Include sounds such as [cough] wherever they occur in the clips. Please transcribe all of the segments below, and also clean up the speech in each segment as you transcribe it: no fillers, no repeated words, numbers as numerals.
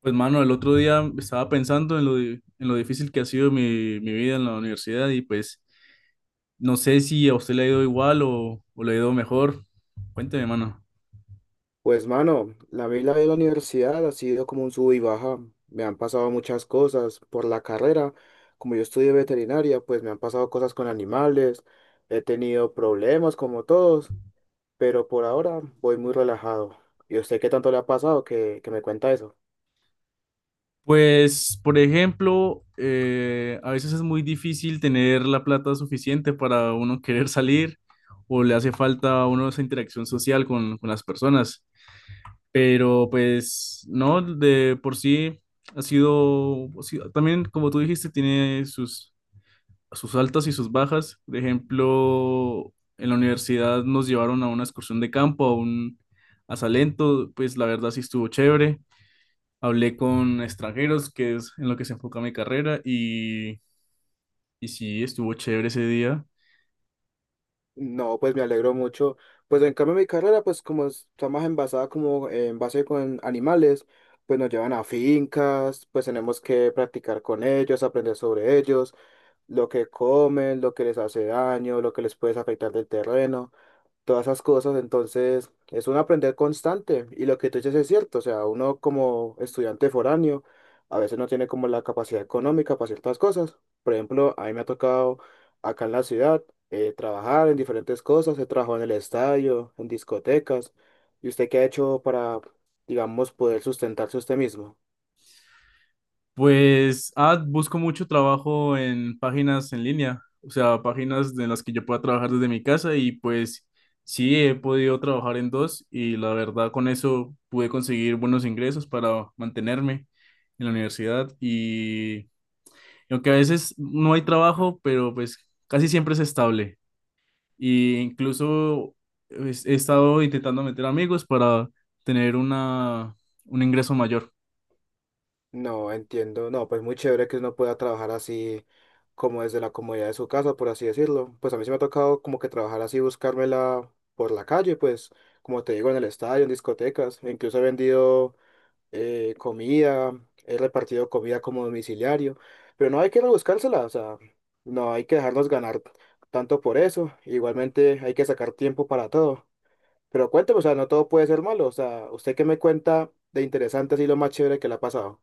Pues mano, el otro día estaba pensando en en lo difícil que ha sido mi vida en la universidad y pues no sé si a usted le ha ido igual o le ha ido mejor. Cuénteme, mano. Pues mano, la vida de la universidad ha sido como un sub y baja. Me han pasado muchas cosas por la carrera. Como yo estudié veterinaria, pues me han pasado cosas con animales. He tenido problemas como todos, pero por ahora voy muy relajado. ¿Y a usted qué tanto le ha pasado que me cuenta eso? Pues, por ejemplo, a veces es muy difícil tener la plata suficiente para uno querer salir o le hace falta a uno esa interacción social con las personas. Pero pues no, de por sí también como tú dijiste, tiene sus altas y sus bajas. Por ejemplo, en la universidad nos llevaron a una excursión de campo, a Salento, pues la verdad sí estuvo chévere. Hablé con extranjeros, que es en lo que se enfoca mi carrera, y sí estuvo chévere ese día. No, pues me alegro mucho. Pues en cambio mi carrera, pues está más envasada como en base con animales, pues nos llevan a fincas, pues tenemos que practicar con ellos, aprender sobre ellos, lo que comen, lo que les hace daño, lo que les puede afectar del terreno, todas esas cosas. Entonces, es un aprender constante. Y lo que tú dices es cierto, o sea, uno como estudiante foráneo a veces no tiene como la capacidad económica para ciertas cosas. Por ejemplo, a mí me ha tocado acá en la ciudad trabajar en diferentes cosas. He trabajado en el estadio, en discotecas. ¿Y usted qué ha hecho para, digamos, poder sustentarse usted mismo? Pues, busco mucho trabajo en páginas en línea, o sea, páginas de las que yo pueda trabajar desde mi casa y pues sí, he podido trabajar en dos y la verdad con eso pude conseguir buenos ingresos para mantenerme en la universidad y aunque a veces no hay trabajo, pero pues casi siempre es estable y incluso pues, he estado intentando meter amigos para tener un ingreso mayor. No, entiendo. No, pues muy chévere que uno pueda trabajar así como desde la comodidad de su casa, por así decirlo. Pues a mí sí me ha tocado como que trabajar así, buscármela por la calle, pues como te digo, en el estadio, en discotecas. Incluso he vendido comida, he repartido comida como domiciliario. Pero no hay que rebuscársela, o sea, no hay que dejarnos ganar tanto por eso. Igualmente hay que sacar tiempo para todo. Pero cuéntame, o sea, no todo puede ser malo. O sea, ¿usted qué me cuenta de interesante así lo más chévere que le ha pasado?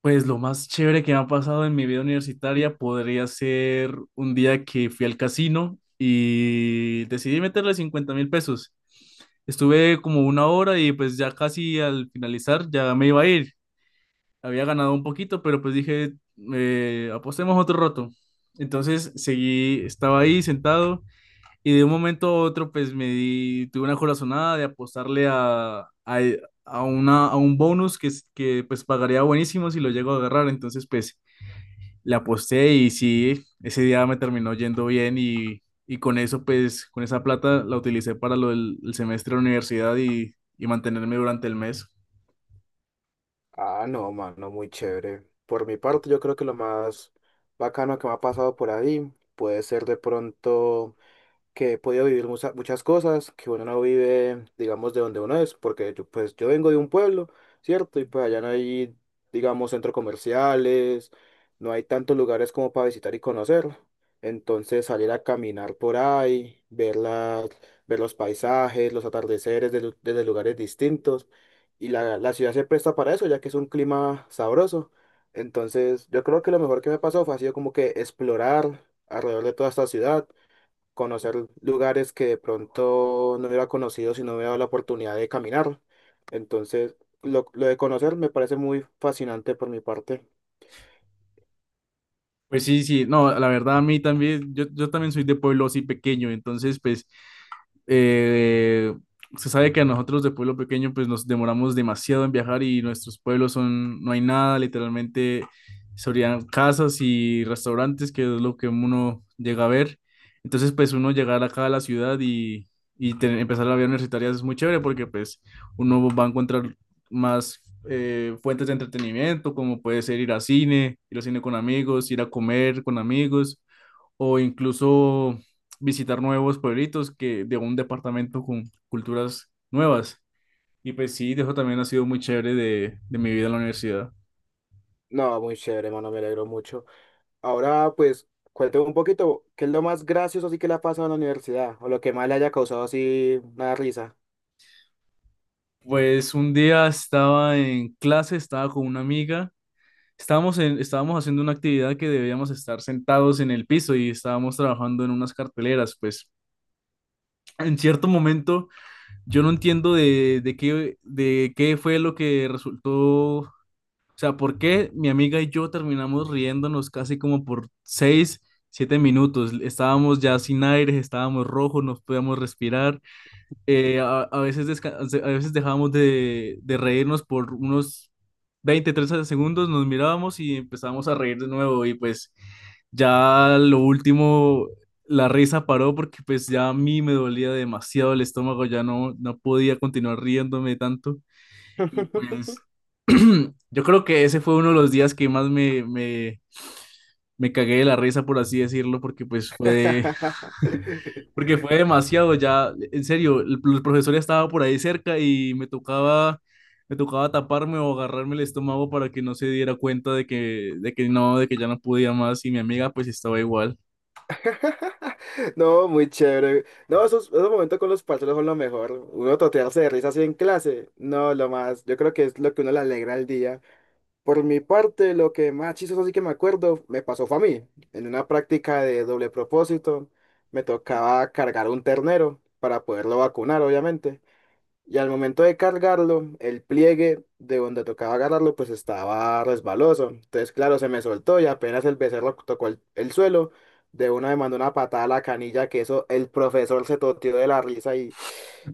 Pues lo más chévere que me ha pasado en mi vida universitaria podría ser un día que fui al casino y decidí meterle 50.000 pesos. Estuve como una hora y pues ya casi al finalizar ya me iba a ir. Había ganado un poquito, pero pues dije, apostemos otro roto. Entonces seguí, estaba ahí sentado y de un momento a otro, pues tuve una corazonada de apostarle a, a un bonus que pues pagaría buenísimo si lo llego a agarrar. Entonces, pues le aposté y sí, ese día me terminó yendo bien y con eso, pues con esa plata la utilicé para lo del el semestre de la universidad y mantenerme durante el mes. Ah, no, mano, muy chévere. Por mi parte, yo creo que lo más bacano que me ha pasado por ahí puede ser de pronto que he podido vivir muchas cosas que uno no vive, digamos, de donde uno es, porque yo, pues yo vengo de un pueblo, ¿cierto? Y pues allá no hay, digamos, centros comerciales, no hay tantos lugares como para visitar y conocer. Entonces salir a caminar por ahí, ver ver los paisajes, los atardeceres desde lugares distintos. Y la ciudad se presta para eso, ya que es un clima sabroso. Entonces, yo creo que lo mejor que me ha pasado fue ha sido como que explorar alrededor de toda esta ciudad, conocer lugares que de pronto no hubiera conocido si no hubiera dado la oportunidad de caminar. Entonces, lo de conocer me parece muy fascinante por mi parte. Pues sí, sí, no, la verdad a mí también, yo también soy de pueblo así pequeño, entonces pues eh, se sabe que a nosotros de pueblo pequeño pues nos demoramos demasiado en viajar y nuestros pueblos son, no hay nada, literalmente serían casas y restaurantes que es lo que uno llega a ver. Entonces pues uno llegar acá a la ciudad empezar la vida universitaria es muy chévere porque pues uno va a encontrar más fuentes de entretenimiento como puede ser ir a cine con amigos, ir a comer con amigos o incluso visitar nuevos pueblitos que de un departamento con culturas nuevas. Y pues sí, eso también ha sido muy chévere de mi vida en la universidad. No, muy chévere, mano, me alegro mucho. Ahora, pues, cuéntame un poquito, ¿qué es lo más gracioso así que le ha pasado en la universidad? O lo que más le haya causado así una risa. Pues un día estaba en clase, estaba con una amiga, estábamos haciendo una actividad que debíamos estar sentados en el piso y estábamos trabajando en unas carteleras, pues en cierto momento yo no entiendo de qué fue lo que resultó. O sea, ¿por qué mi amiga y yo terminamos riéndonos casi como por 6, 7 minutos? Estábamos ya sin aire, estábamos rojos, no podíamos respirar. A veces a veces dejábamos de reírnos por unos 20 30 segundos, nos mirábamos y empezábamos a reír de nuevo. Y pues ya lo último, la risa paró porque pues ya a mí me dolía demasiado el estómago, no podía continuar riéndome tanto. Y pues [laughs] [clears throat] yo creo que ese fue uno de los días que más me cagué de la risa, por así decirlo, porque [laughs] porque fue demasiado ya, en serio, el profesor ya estaba por ahí cerca y me tocaba taparme o agarrarme el estómago para que no se diera cuenta de que ya no podía más y mi amiga pues estaba igual. No, muy chévere. No, esos momentos con los parceros son lo mejor. Uno totearse de risa así en clase. No, lo más. Yo creo que es lo que uno le alegra el día. Por mi parte, lo que más chistoso así que me acuerdo, me pasó fue a mí. En una práctica de doble propósito, me tocaba cargar un ternero para poderlo vacunar, obviamente. Y al momento de cargarlo, el pliegue de donde tocaba agarrarlo, pues estaba resbaloso. Entonces, claro, se me soltó y apenas el becerro tocó el suelo, de una me mandó una patada a la canilla, que eso el profesor se toteó de la risa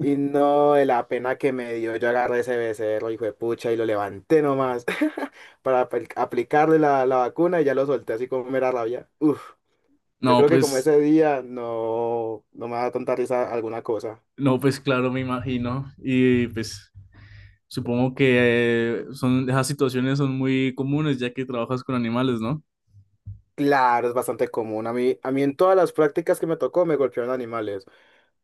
y no de la pena que me dio. Yo agarré ese becerro, hijo de pucha, y lo levanté nomás [laughs] para aplicarle la vacuna y ya lo solté así como mera rabia. Uf, yo No, creo que como pues, ese día no, no me da tanta risa alguna cosa. no, pues claro, me imagino. Y pues supongo que esas situaciones son muy comunes ya que trabajas con animales, ¿no? Claro, es bastante común. A mí en todas las prácticas que me tocó me golpearon animales.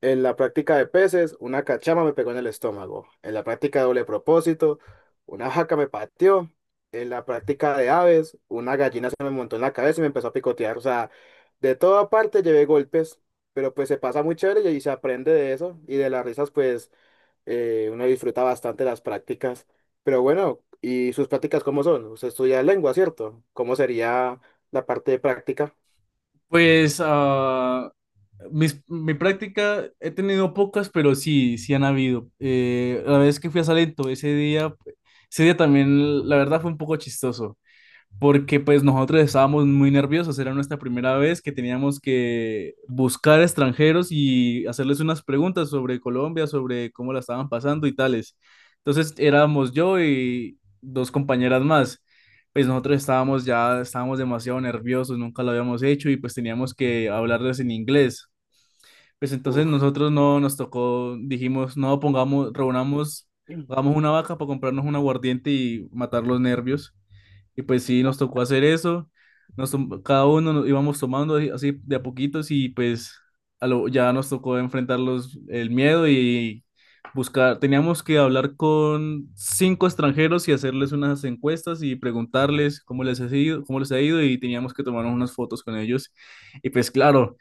En la práctica de peces, una cachama me pegó en el estómago. En la práctica de doble propósito, una jaca me pateó. En la práctica de aves, una gallina se me montó en la cabeza y me empezó a picotear. O sea, de toda parte llevé golpes, pero pues se pasa muy chévere y ahí se aprende de eso. Y de las risas, pues uno disfruta bastante las prácticas, pero bueno, ¿y sus prácticas cómo son? Usted estudia lengua, ¿cierto? ¿Cómo sería la parte de práctica? Pues mi práctica he tenido pocas, pero sí, sí han habido. La vez que fui a Salento, ese día también, la verdad, fue un poco chistoso porque pues nosotros estábamos muy nerviosos, era nuestra primera vez que teníamos que buscar extranjeros y hacerles unas preguntas sobre Colombia, sobre cómo la estaban pasando y tales. Entonces éramos yo y dos compañeras más. Pues estábamos demasiado nerviosos, nunca lo habíamos hecho y pues teníamos que hablarles en inglés. Pues entonces Uf. nosotros no nos tocó, dijimos, no pongamos, reunamos, hagamos una vaca para comprarnos un aguardiente y matar los nervios. Y pues sí, nos tocó hacer eso. Cada uno nos íbamos tomando así así de a poquitos y pues ya nos tocó enfrentar el miedo y buscar. Teníamos que hablar con 5 extranjeros y hacerles unas encuestas y preguntarles cómo les ha ido, cómo les ha ido y teníamos que tomarnos unas fotos con ellos. Y pues claro,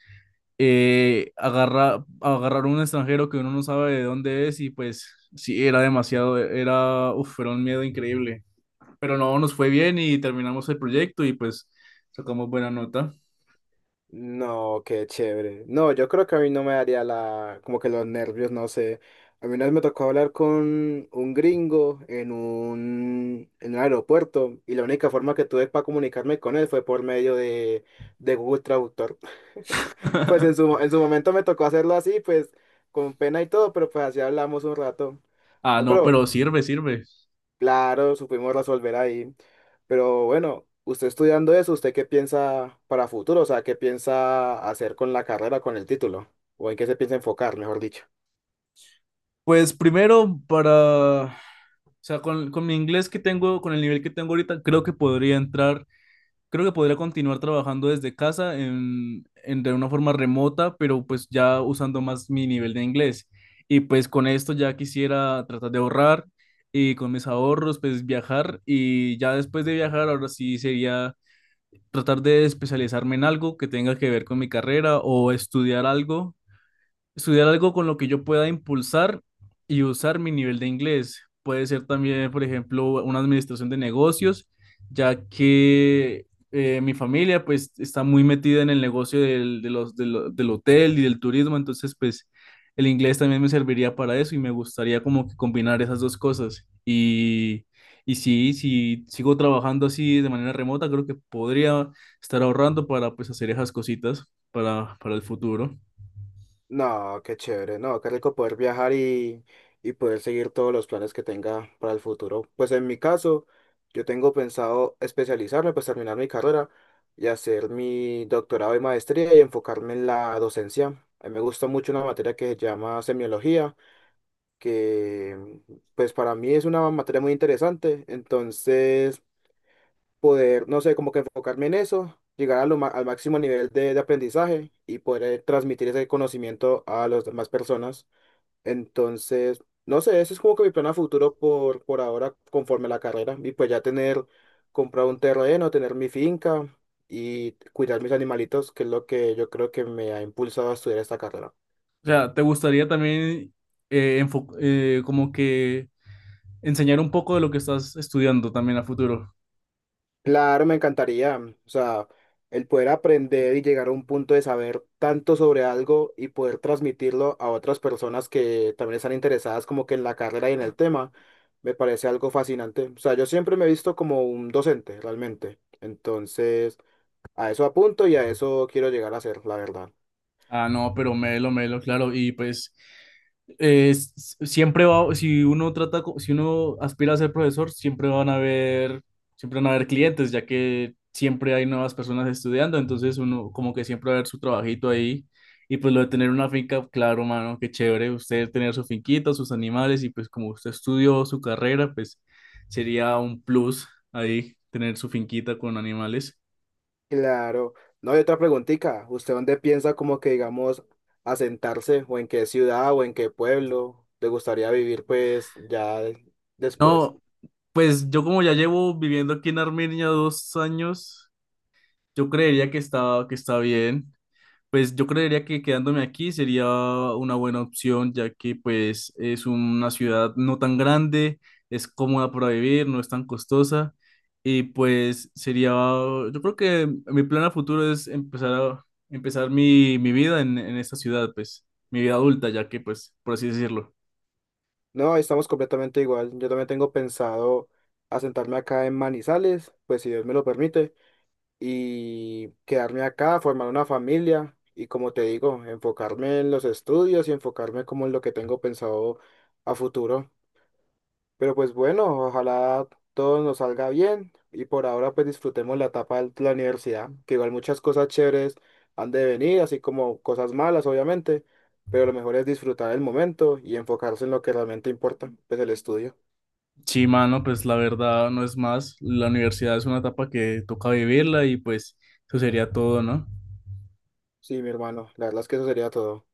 agarrar un extranjero que uno no sabe de dónde es y pues sí, uf, era un miedo increíble pero no, nos fue bien y terminamos el proyecto y pues sacamos buena nota. No, qué chévere. No, yo creo que a mí no me daría la, como que los nervios, no sé. A mí una vez me tocó hablar con un gringo en un aeropuerto y la única forma que tuve para comunicarme con él fue por medio de Google Traductor. [laughs] Pues [laughs] en su momento me tocó hacerlo así, pues con pena y todo, pero pues así hablamos un rato. Ah, No, no, pero pero sirve, sirve. claro, supimos resolver ahí. Pero bueno, usted estudiando eso, ¿usted qué piensa para futuro? O sea, ¿qué piensa hacer con la carrera, con el título? ¿O en qué se piensa enfocar, mejor dicho? Pues o sea, con mi inglés que tengo, con el nivel que tengo ahorita, creo que podría continuar trabajando desde casa en de una forma remota, pero pues ya usando más mi nivel de inglés. Y pues con esto ya quisiera tratar de ahorrar y con mis ahorros pues viajar y ya después de viajar ahora sí sería tratar de especializarme en algo que tenga que ver con mi carrera o estudiar algo. Estudiar algo con lo que yo pueda impulsar y usar mi nivel de inglés. Puede ser también, por ejemplo, una administración de negocios, ya que mi familia pues está muy metida en el negocio del, de los, de lo- del hotel y del turismo, entonces pues el inglés también me serviría para eso y me gustaría como que combinar esas dos cosas. Y sí, si sigo trabajando así de manera remota, creo que podría estar ahorrando para pues hacer esas cositas para el futuro. No, qué chévere, no, qué rico poder viajar y poder seguir todos los planes que tenga para el futuro. Pues en mi caso, yo tengo pensado especializarme, pues terminar mi carrera y hacer mi doctorado y maestría y enfocarme en la docencia. A mí me gusta mucho una materia que se llama semiología que pues para mí es una materia muy interesante, entonces poder, no sé, como que enfocarme en eso, llegar a al máximo nivel de aprendizaje y poder transmitir ese conocimiento a las demás personas. Entonces, no sé, ese es como que mi plan a futuro por ahora conforme a la carrera y pues ya tener, comprar un terreno, tener mi finca y cuidar mis animalitos, que es lo que yo creo que me ha impulsado a estudiar esta carrera. O sea, ¿te gustaría también como que enseñar un poco de lo que estás estudiando también a futuro? Claro, me encantaría. Mm, o sea, el poder aprender y llegar a un punto de saber tanto sobre algo y poder transmitirlo a otras personas que también están interesadas como que en la carrera y en el tema, me parece algo fascinante. O sea, yo siempre me he visto como un docente, realmente. Entonces, a eso apunto y a eso quiero llegar a ser, la verdad. Ah, no, pero Melo, Melo, claro. Y pues siempre va, si uno trata, si uno aspira a ser profesor, siempre van a haber clientes, ya que siempre hay nuevas personas estudiando, entonces uno como que siempre va a ver su trabajito ahí. Y pues lo de tener una finca, claro, mano, qué chévere, usted tener su finquita, sus animales, y pues como usted estudió su carrera, pues sería un plus ahí tener su finquita con animales. Claro. No hay otra preguntita. ¿Usted dónde piensa como que, digamos, asentarse o en qué ciudad o en qué pueblo le gustaría vivir pues ya después? No, pues yo como ya llevo viviendo aquí en Armenia 2 años, yo creería que está bien. Pues yo creería que quedándome aquí sería una buena opción, ya que pues es una ciudad no tan grande, es cómoda para vivir, no es tan costosa. Y pues sería, yo creo que mi plan a futuro es empezar mi vida en esta ciudad, pues mi vida adulta, ya que pues, por así decirlo. No, estamos completamente igual. Yo también tengo pensado asentarme acá en Manizales, pues si Dios me lo permite, y quedarme acá, formar una familia y como te digo, enfocarme en los estudios y enfocarme como en lo que tengo pensado a futuro. Pero pues bueno, ojalá todo nos salga bien y por ahora pues disfrutemos la etapa de la universidad, que igual muchas cosas chéveres han de venir, así como cosas malas obviamente, pero lo mejor es disfrutar el momento y enfocarse en lo que realmente importa, pues el estudio. Sí, mano, pues la verdad no es más. La universidad es una etapa que toca vivirla y pues eso sería todo, ¿no? Sí, mi hermano, la verdad es que eso sería todo.